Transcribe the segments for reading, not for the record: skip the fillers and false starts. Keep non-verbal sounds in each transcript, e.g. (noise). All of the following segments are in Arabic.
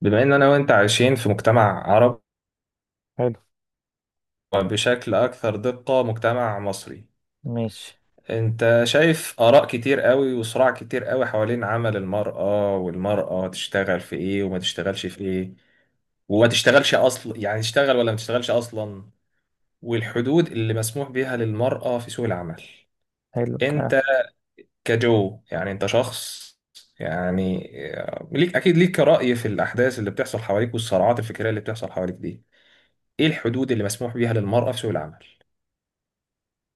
بما ان انا وانت عايشين في مجتمع عربي حلو. بشكل اكثر دقة مجتمع مصري. ماشي. انت شايف اراء كتير قوي وصراع كتير قوي حوالين عمل المرأة، والمرأة تشتغل في ايه وما تشتغلش في ايه وما تشتغلش اصلا، يعني تشتغل ولا ما تشتغلش اصلا، والحدود اللي مسموح بيها للمرأة في سوق العمل. حلو الكلام. انت كجو، يعني انت شخص يعني آه، ليك اكيد ليك رأي في الاحداث اللي بتحصل حواليك والصراعات الفكرية اللي بتحصل حواليك دي. ايه الحدود اللي مسموح بيها للمرأة في سوق العمل؟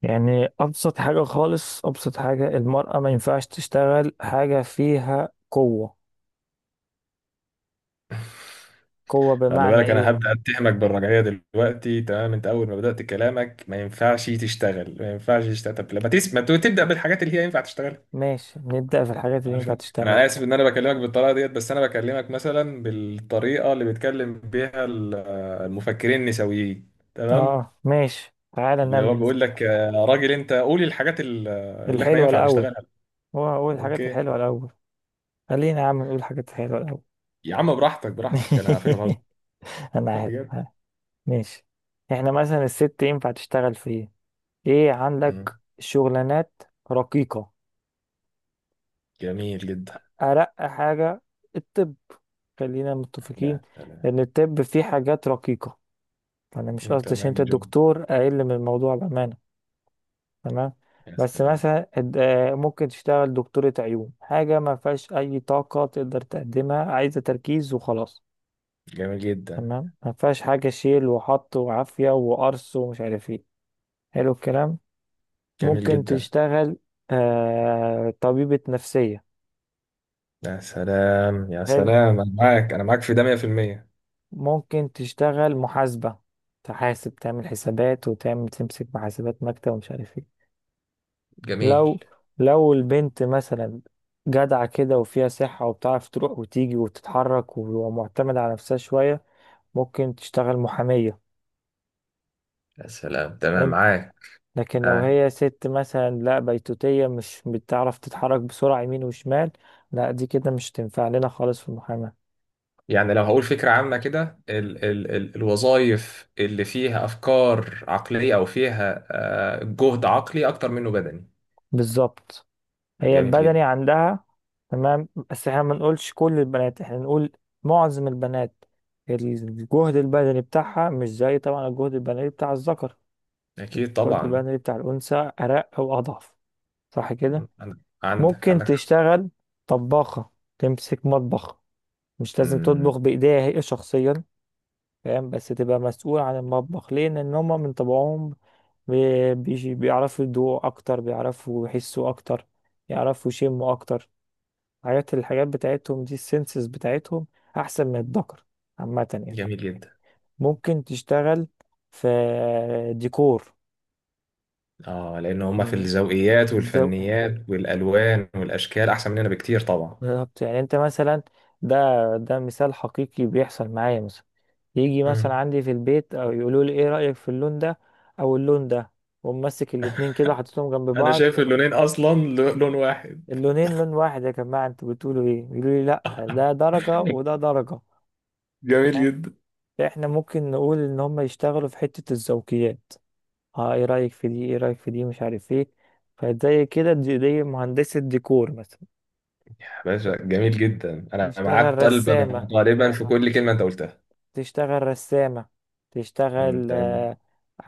يعني أبسط حاجة خالص، أبسط حاجة، المرأة ما ينفعش تشتغل حاجة فيها قوة. قوة خلي بمعنى بالك انا إيه؟ هبدا اتهمك بالرجعيه دلوقتي. تمام، انت اول ما بدات كلامك ما ينفعش تشتغل ما ينفعش تشتغل. طب لما تسمع، تبدا بالحاجات اللي هي ينفع تشتغلها. ماشي، نبدأ في الحاجات اللي عارف، ينفع تشتغل. انا اسف ان انا بكلمك بالطريقه ديت، بس انا بكلمك مثلا بالطريقه اللي بيتكلم بيها المفكرين النسويين، تمام؟ ماشي، تعالى اللي هو نعمل بيقول لك يا راجل انت قولي الحاجات اللي احنا الحلوة ينفع الأول. نشتغلها. هو هو الحاجات اوكي، الحلوة الأول. خلينا يا عم نقول الحاجات الحلوة الأول. يا عم براحتك براحتك، انا على فكره بهزر (laughs) أنا عارف بجد. آه، ماشي. إحنا مثلا الست ينفع تشتغل في إيه؟ إيه مم. عندك شغلانات رقيقة؟ جميل جدا. أرق حاجة الطب. خلينا متفقين لا سلام. إن الطب فيه حاجات رقيقة. أنا مش مم، قصدي عشان تمام أنت يا جو. دكتور أقل من الموضوع بأمانة. تمام، يا بس سلام. مثلا ممكن تشتغل دكتورة عيون، حاجة ما فيهاش أي طاقة تقدر تقدمها، عايزة تركيز وخلاص. جميل جدا. تمام، ما فيهاش حاجة شيل وحط وعافية وقرص ومش عارف ايه. حلو الكلام. جميل ممكن جدا. تشتغل آه طبيبة نفسية. يا سلام يا حلو. سلام، انا معاك انا معاك في ده 100%. ممكن تشتغل محاسبة، تحاسب، تعمل حسابات، وتعمل تمسك محاسبات مكتب ومش عارف ايه. جميل. لو لو البنت مثلا جدعة كده وفيها صحة وبتعرف تروح وتيجي وتتحرك ومعتمدة على نفسها شوية، ممكن تشتغل محامية. يا سلام. تمام حلو. معاك لكن لو معاك. هي ست مثلا لا بيتوتية، مش بتعرف تتحرك بسرعة يمين وشمال، لا دي كده مش تنفع لنا خالص في المحاماة. يعني لو هقول فكرة عامة كده، ال ال ال الوظائف اللي فيها افكار عقلية او فيها جهد عقلي اكتر منه بدني. بالظبط. هي جميل جدا. البدني عندها، تمام، بس احنا ما نقولش كل البنات، احنا نقول معظم البنات الجهد البدني بتاعها مش زي طبعا الجهد البدني بتاع الذكر. اكيد الجهد طبعا. البدني بتاع الأنثى أرق أو أضعف. صح كده. ممكن عندك حق. تشتغل طباخة، تمسك مطبخ، مش لازم مم، تطبخ بإيديها هي شخصيا، فاهم؟ بس تبقى مسؤول عن المطبخ. ليه؟ لأن هما من طبعهم بيعرفوا يدوقوا أكتر، بيعرفوا يحسوا أكتر، يعرفوا يشموا أكتر. الحاجات بتاعتهم دي، السنسز بتاعتهم احسن من الذكر عامة يعني. جميل جدا. ممكن تشتغل في ديكور، اه لان هما في من الذوقيات الذوق. والفنيات والالوان والاشكال احسن مننا بكتير طبعا. بالظبط، يعني انت مثلا، ده مثال حقيقي بيحصل معايا. مثلا يجي مثلا مم. عندي في البيت او يقولوا لي ايه رأيك في اللون ده او اللون ده، ومسك الاتنين كده، حطيتهم جنب انا بعض. شايف اللونين اصلا لون واحد. اللونين لون واحد يا جماعة، انتوا بتقولوا ايه؟ يقولوا لي لا، ده درجة وده درجة. جميل جدا. احنا ممكن نقول ان هم يشتغلوا في حتة الذوقيات، اه ايه رأيك في دي، ايه رأيك في دي، مش عارف ايه. فزي كده دي مهندسة ديكور مثلا. يا باشا اوكي. جميل جدا، انا تشتغل معاك قلبا رسامة، وقالبا في كل كلمه انت قلتها. تشتغل رسامة، تشتغل آه، تمام.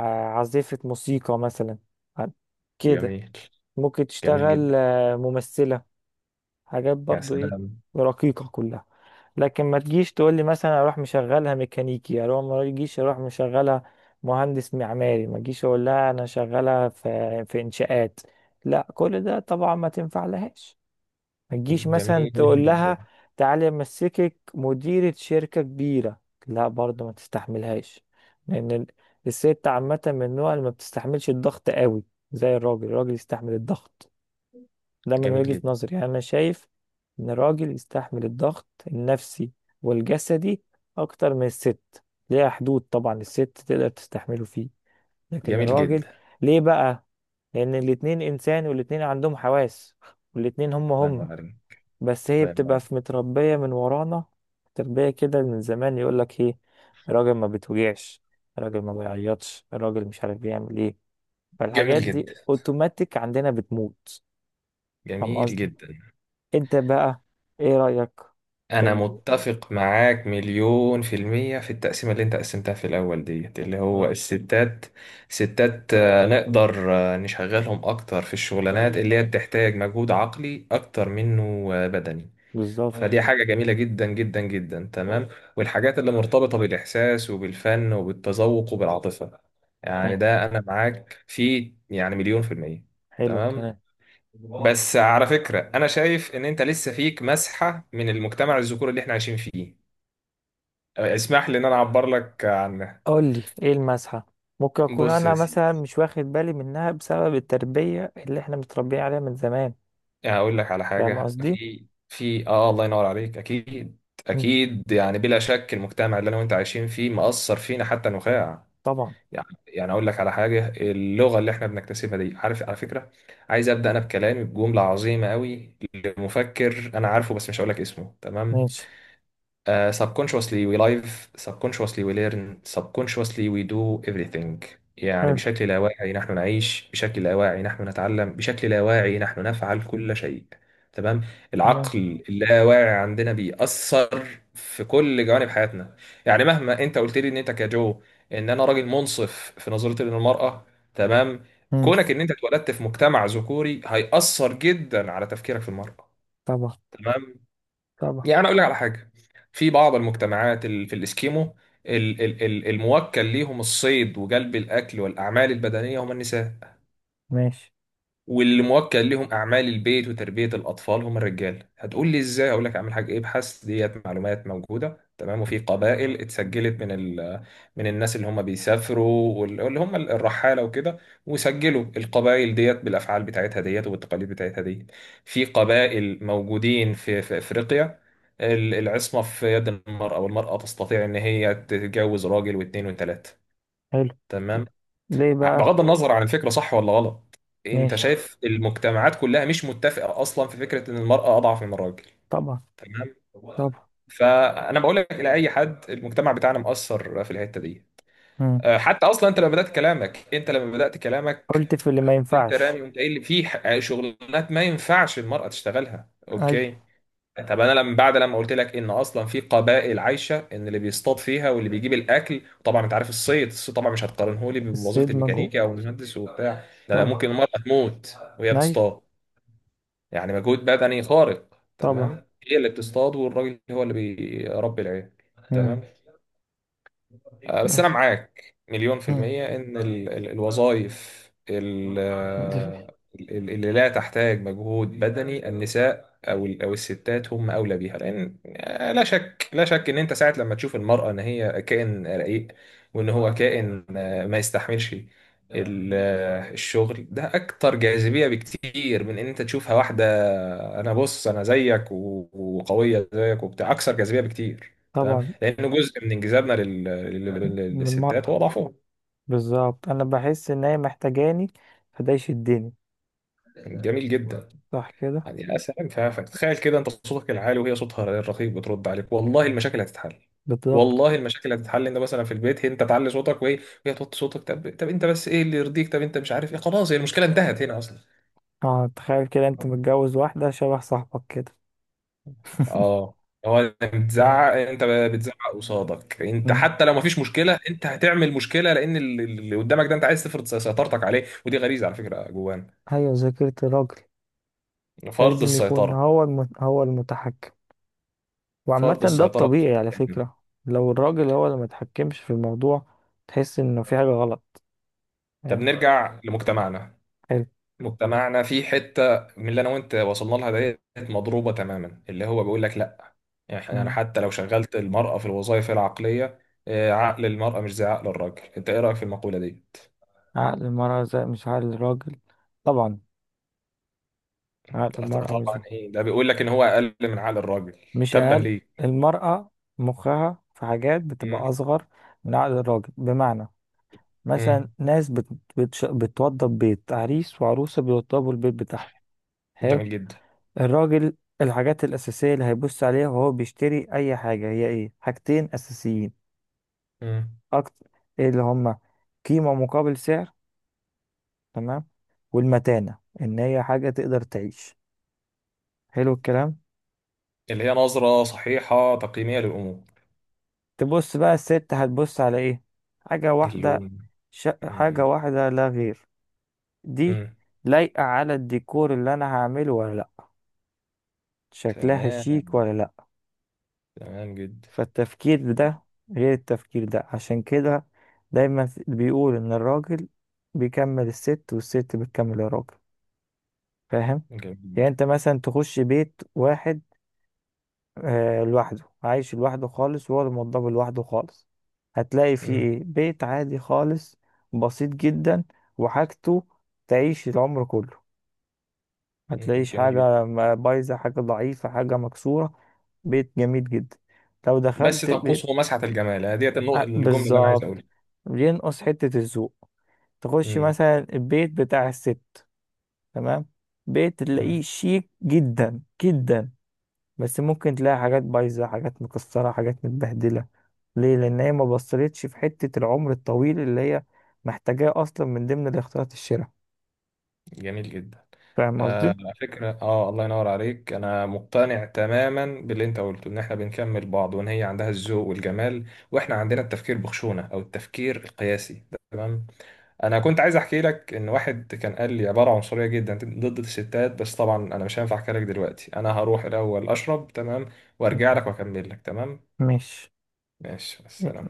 آه، عازفة موسيقى مثلا، عن- كده. جميل. ممكن جميل تشتغل جدا. آه، ممثلة، حاجات يا برضو ايه، سلام. رقيقة كلها. لكن ما تجيش تقول لي مثلا اروح مشغلها ميكانيكي، اروح مشغلها مهندس معماري، ما تجيش اقول لها انا شغالة في انشاءات، لا كل ده طبعا ما تنفع لهاش. ما تجيش مثلا جميل تقول جدا. لها تعالي امسكك مديرة شركة كبيرة، لا برضو ما تستحملهاش، لان ال- الست عامة من النوع اللي ما بتستحملش الضغط قوي، زي الراجل. الراجل يستحمل الضغط. ده من جميل وجهة جدا. نظري، يعني أنا شايف إن الراجل يستحمل الضغط النفسي والجسدي أكتر من الست. ليها حدود طبعا الست تقدر تستحمله فيه، لكن جميل الراجل. جدا. ليه بقى؟ لأن الاتنين إنسان والاتنين عندهم حواس، والاتنين هما الله هما، ينور عليك. بس هي الله ينور بتبقى عليك. في متربية من ورانا تربية كده من زمان، يقولك إيه، الراجل ما بتوجعش، الراجل ما بيعيطش، الراجل مش عارف بيعمل إيه. جميل فالحاجات دي جدا. أوتوماتيك عندنا بتموت. فاهم جميل قصدي؟ جدا. انت بقى ايه رأيك؟ أنا كان- متفق معاك مليون في المية في التقسيمة اللي أنت قسمتها في الأول ديت، اللي هو اه الستات ستات، نقدر نشغلهم أكتر في الشغلانات، ايوه، اللي هي بتحتاج مجهود عقلي أكتر منه بدني. فدي بالظبط. ايوه حاجة جميلة جدا جدا جدا، تمام اه. والحاجات اللي مرتبطة بالإحساس وبالفن وبالتذوق وبالعاطفة، يعني اه اه، ده أنا معاك فيه يعني مليون في المية. حلو تمام. الكلام. بس على فكرة أنا شايف إن أنت لسه فيك مسحة من المجتمع الذكوري اللي إحنا عايشين فيه. اسمح لي إن أنا أعبر لك عنها. قول لي ايه المسحة. ممكن اكون بص انا يا مثلا سيدي، مش واخد بالي منها بسبب التربية اللي احنا متربيين عليها من زمان. هقول لك على فاهم حاجة قصدي. في في آه الله ينور عليك. أكيد، مم. أكيد يعني بلا شك المجتمع اللي أنا وأنت عايشين فيه مأثر فينا حتى نخاع. طبعا. يعني يعني أقول لك على حاجة، اللغة اللي إحنا بنكتسبها دي، عارف على فكرة، عايز أبدأ أنا بكلامي بجملة عظيمة قوي لمفكر أنا عارفه بس مش هقول لك اسمه، تمام؟ ماشي. Subconsciously we live, subconsciously we learn, subconsciously we do everything. يعني حلو. بشكل لا واعي نحن نعيش، بشكل لا واعي نحن نتعلم، بشكل لا واعي نحن نفعل كل شيء. تمام؟ تمام. العقل اللاواعي عندنا بيأثر في كل جوانب حياتنا. يعني مهما انت قلت لي ان انت كجو ان انا راجل منصف في نظرتي للمرأة، تمام؟ مم. كونك ان انت اتولدت في مجتمع ذكوري هيأثر جدا على تفكيرك في المرأة. طبعا. تمام؟ طبعا. يعني انا اقول لك على حاجه، في بعض المجتمعات في الاسكيمو، الموكل ليهم الصيد وجلب الاكل والاعمال البدنيه هم النساء، ماشي. واللي موكل لهم اعمال البيت وتربيه الاطفال هم الرجال. هتقول لي ازاي؟ اقول لك اعمل حاجه ايه، ابحث ديت معلومات موجوده، تمام. وفي قبائل اتسجلت من من الناس اللي هم بيسافروا واللي هم الرحاله وكده، وسجلوا القبائل ديت بالافعال بتاعتها ديت والتقاليد بتاعتها ديت. في قبائل موجودين في في افريقيا العصمه في يد المراه، والمراه تستطيع ان هي تتجوز راجل واثنين وثلاثه، حلو. تمام. ليه بقى؟ بغض النظر عن الفكرة صح ولا غلط، انت ماشي. شايف المجتمعات كلها مش متفقة اصلا في فكرة ان المرأة اضعف من الراجل، طبعا. تمام. طبعا. فانا بقول لك الى اي حد المجتمع بتاعنا مؤثر في الحتة دي. مم. حتى اصلا انت لما بدأت كلامك انت لما بدأت كلامك قلت في اللي ما انت رامي ينفعش. وانت قايل لي في شغلانات ما ينفعش المرأة تشتغلها، ايوه. اوكي. طب انا لما بعد، لما قلت لك ان اصلا في قبائل عايشه ان اللي بيصطاد فيها واللي بيجيب الاكل، طبعا انت عارف الصيد، الصيد طبعا مش هتقارنه لي بوظيفه الصيد مجهول، الميكانيكا او المهندس وبتاع ده، لا طبعا. ممكن المراه تموت وهي ايوه. بتصطاد، يعني مجهود بدني خارق. طبعا. تمام، هي اللي بتصطاد والراجل هو اللي بيربي العيال، مم. تمام. بس انا معاك مليون في مم. المية ان الوظائف اللي لا تحتاج مجهود بدني النساء او الستات هم اولى بيها، لان لا شك لا شك ان انت ساعة لما تشوف المرأة ان هي كائن رقيق وان هو كائن ما يستحملش، الشغل ده اكتر جاذبية بكتير من ان انت تشوفها واحدة انا بص انا زيك وقوية زيك وبتاع، اكثر جاذبية بكتير، تمام. طبعا. لانه جزء من انجذابنا للستات هو للمرأة. ضعفهم. بالظبط، أنا بحس إن هي محتاجاني، فده يشدني. جميل جدا. صح كده. يعني يا سلام، فتخيل كده انت صوتك العالي وهي صوتها الرقيق بترد عليك، والله المشاكل هتتحل، بالظبط. والله المشاكل هتتحل. انت مثلا في البيت هي انت تعلي صوتك وهي، وهي توطي صوتك. طب طب انت بس ايه اللي يرضيك؟ طب انت مش عارف ايه، خلاص هي المشكله انتهت هنا اصلا. اه تخيل كده أنت متجوز واحدة شبه صاحبك كده. (laughs) اه، هو انت فاهم؟ بتزعق، انت بتزعق قصادك. انت مم. حتى لو مفيش مشكله انت هتعمل مشكله، لان اللي قدامك ده انت عايز تفرض سيطرتك عليه، ودي غريزه على فكره جوانا، أيوة، ذاكرة الراجل فرض لازم يكون السيطره، هو هو المتحكم. وعامة فرض ده السيطرة. الطبيعي على فكرة. لو الراجل هو اللي متحكمش في الموضوع، تحس إنه في حاجة غلط. طب فاهم. نرجع لمجتمعنا. حلو. مجتمعنا في حتة من اللي أنا وأنت وصلنا لها ديت مضروبة تماما، اللي هو بيقول لك لأ. يعني أنا مم. حتى لو شغلت المرأة في الوظائف العقلية، عقل المرأة مش زي عقل الراجل. أنت إيه رأيك في المقولة دي؟ عقل المرأة زي مش عقل الراجل، طبعا. عقل المرأة مش طبعا زي. إيه، ده بيقول لك إن هو أقل من عقل الراجل؟ مش تبا أقل. ليه؟ المرأة مخها في حاجات بتبقى مم. أصغر من عقل الراجل، بمعنى مثلا مم. بتوضب بيت، عريس وعروسة بيوضبوا البيت بتاعهم. حلو. جميل جدا. الراجل الحاجات الأساسية اللي هيبص عليها وهو بيشتري أي حاجة هي إيه؟ حاجتين أساسيين مم. أكتر. إيه اللي هما؟ قيمة مقابل سعر، تمام، والمتانة، إن هي حاجة تقدر تعيش. حلو الكلام. اللي هي نظرة صحيحة تقييمية للأمور. تبص بقى الست هتبص على إيه؟ حاجة واحدة. اللون. حاجة مم. واحدة لا غير. دي مم. لايقة على الديكور اللي أنا هعمله ولا لأ، شكلها شيك تمام، ولا لأ. تمام جدا. فالتفكير ده غير التفكير ده، عشان كده دايما بيقول إن الراجل بيكمل الست والست بتكمل الراجل. فاهم؟ جامد. يعني أنت مثلا تخش بيت واحد آه لوحده، عايش لوحده خالص وهو الموضوع لوحده خالص، هتلاقي فيه مم. إيه؟ بيت عادي خالص، بسيط جدا، وحاجته تعيش العمر كله، ما مم. تلاقيش جميل جدا. حاجة بايظة، حاجة ضعيفة، حاجة مكسورة. بيت جميل جدا. لو بس دخلت بيت، تنقصه مسحة الجمال، هي ديت النقطة الجملة اللي أنا عايز بالظبط، أقولها. بينقص حتة الذوق. تخش مم. مثلا البيت بتاع الست، تمام، بيت تلاقيه مم. شيك جدا جدا، بس ممكن تلاقي حاجات بايظة، حاجات مكسرة، حاجات متبهدلة. ليه؟ لأن هي ما بصلتش في حتة العمر الطويل اللي هي محتاجاه أصلا من ضمن الاختيارات الشراء. جميل جدا. فاهم آه قصدي؟ على فكرة آه الله ينور عليك، أنا مقتنع تماما باللي أنت قلته إن إحنا بنكمل بعض وإن هي عندها الذوق والجمال وإحنا عندنا التفكير بخشونة أو التفكير القياسي، تمام. أنا كنت عايز أحكي لك إن واحد كان قال لي عبارة عنصرية جدا ضد الستات، بس طبعا أنا مش هينفع أحكي لك دلوقتي، أنا هروح الأول أشرب تمام، وأرجع لك وأكمل لك، تمام. ماشي. ماشي السلام.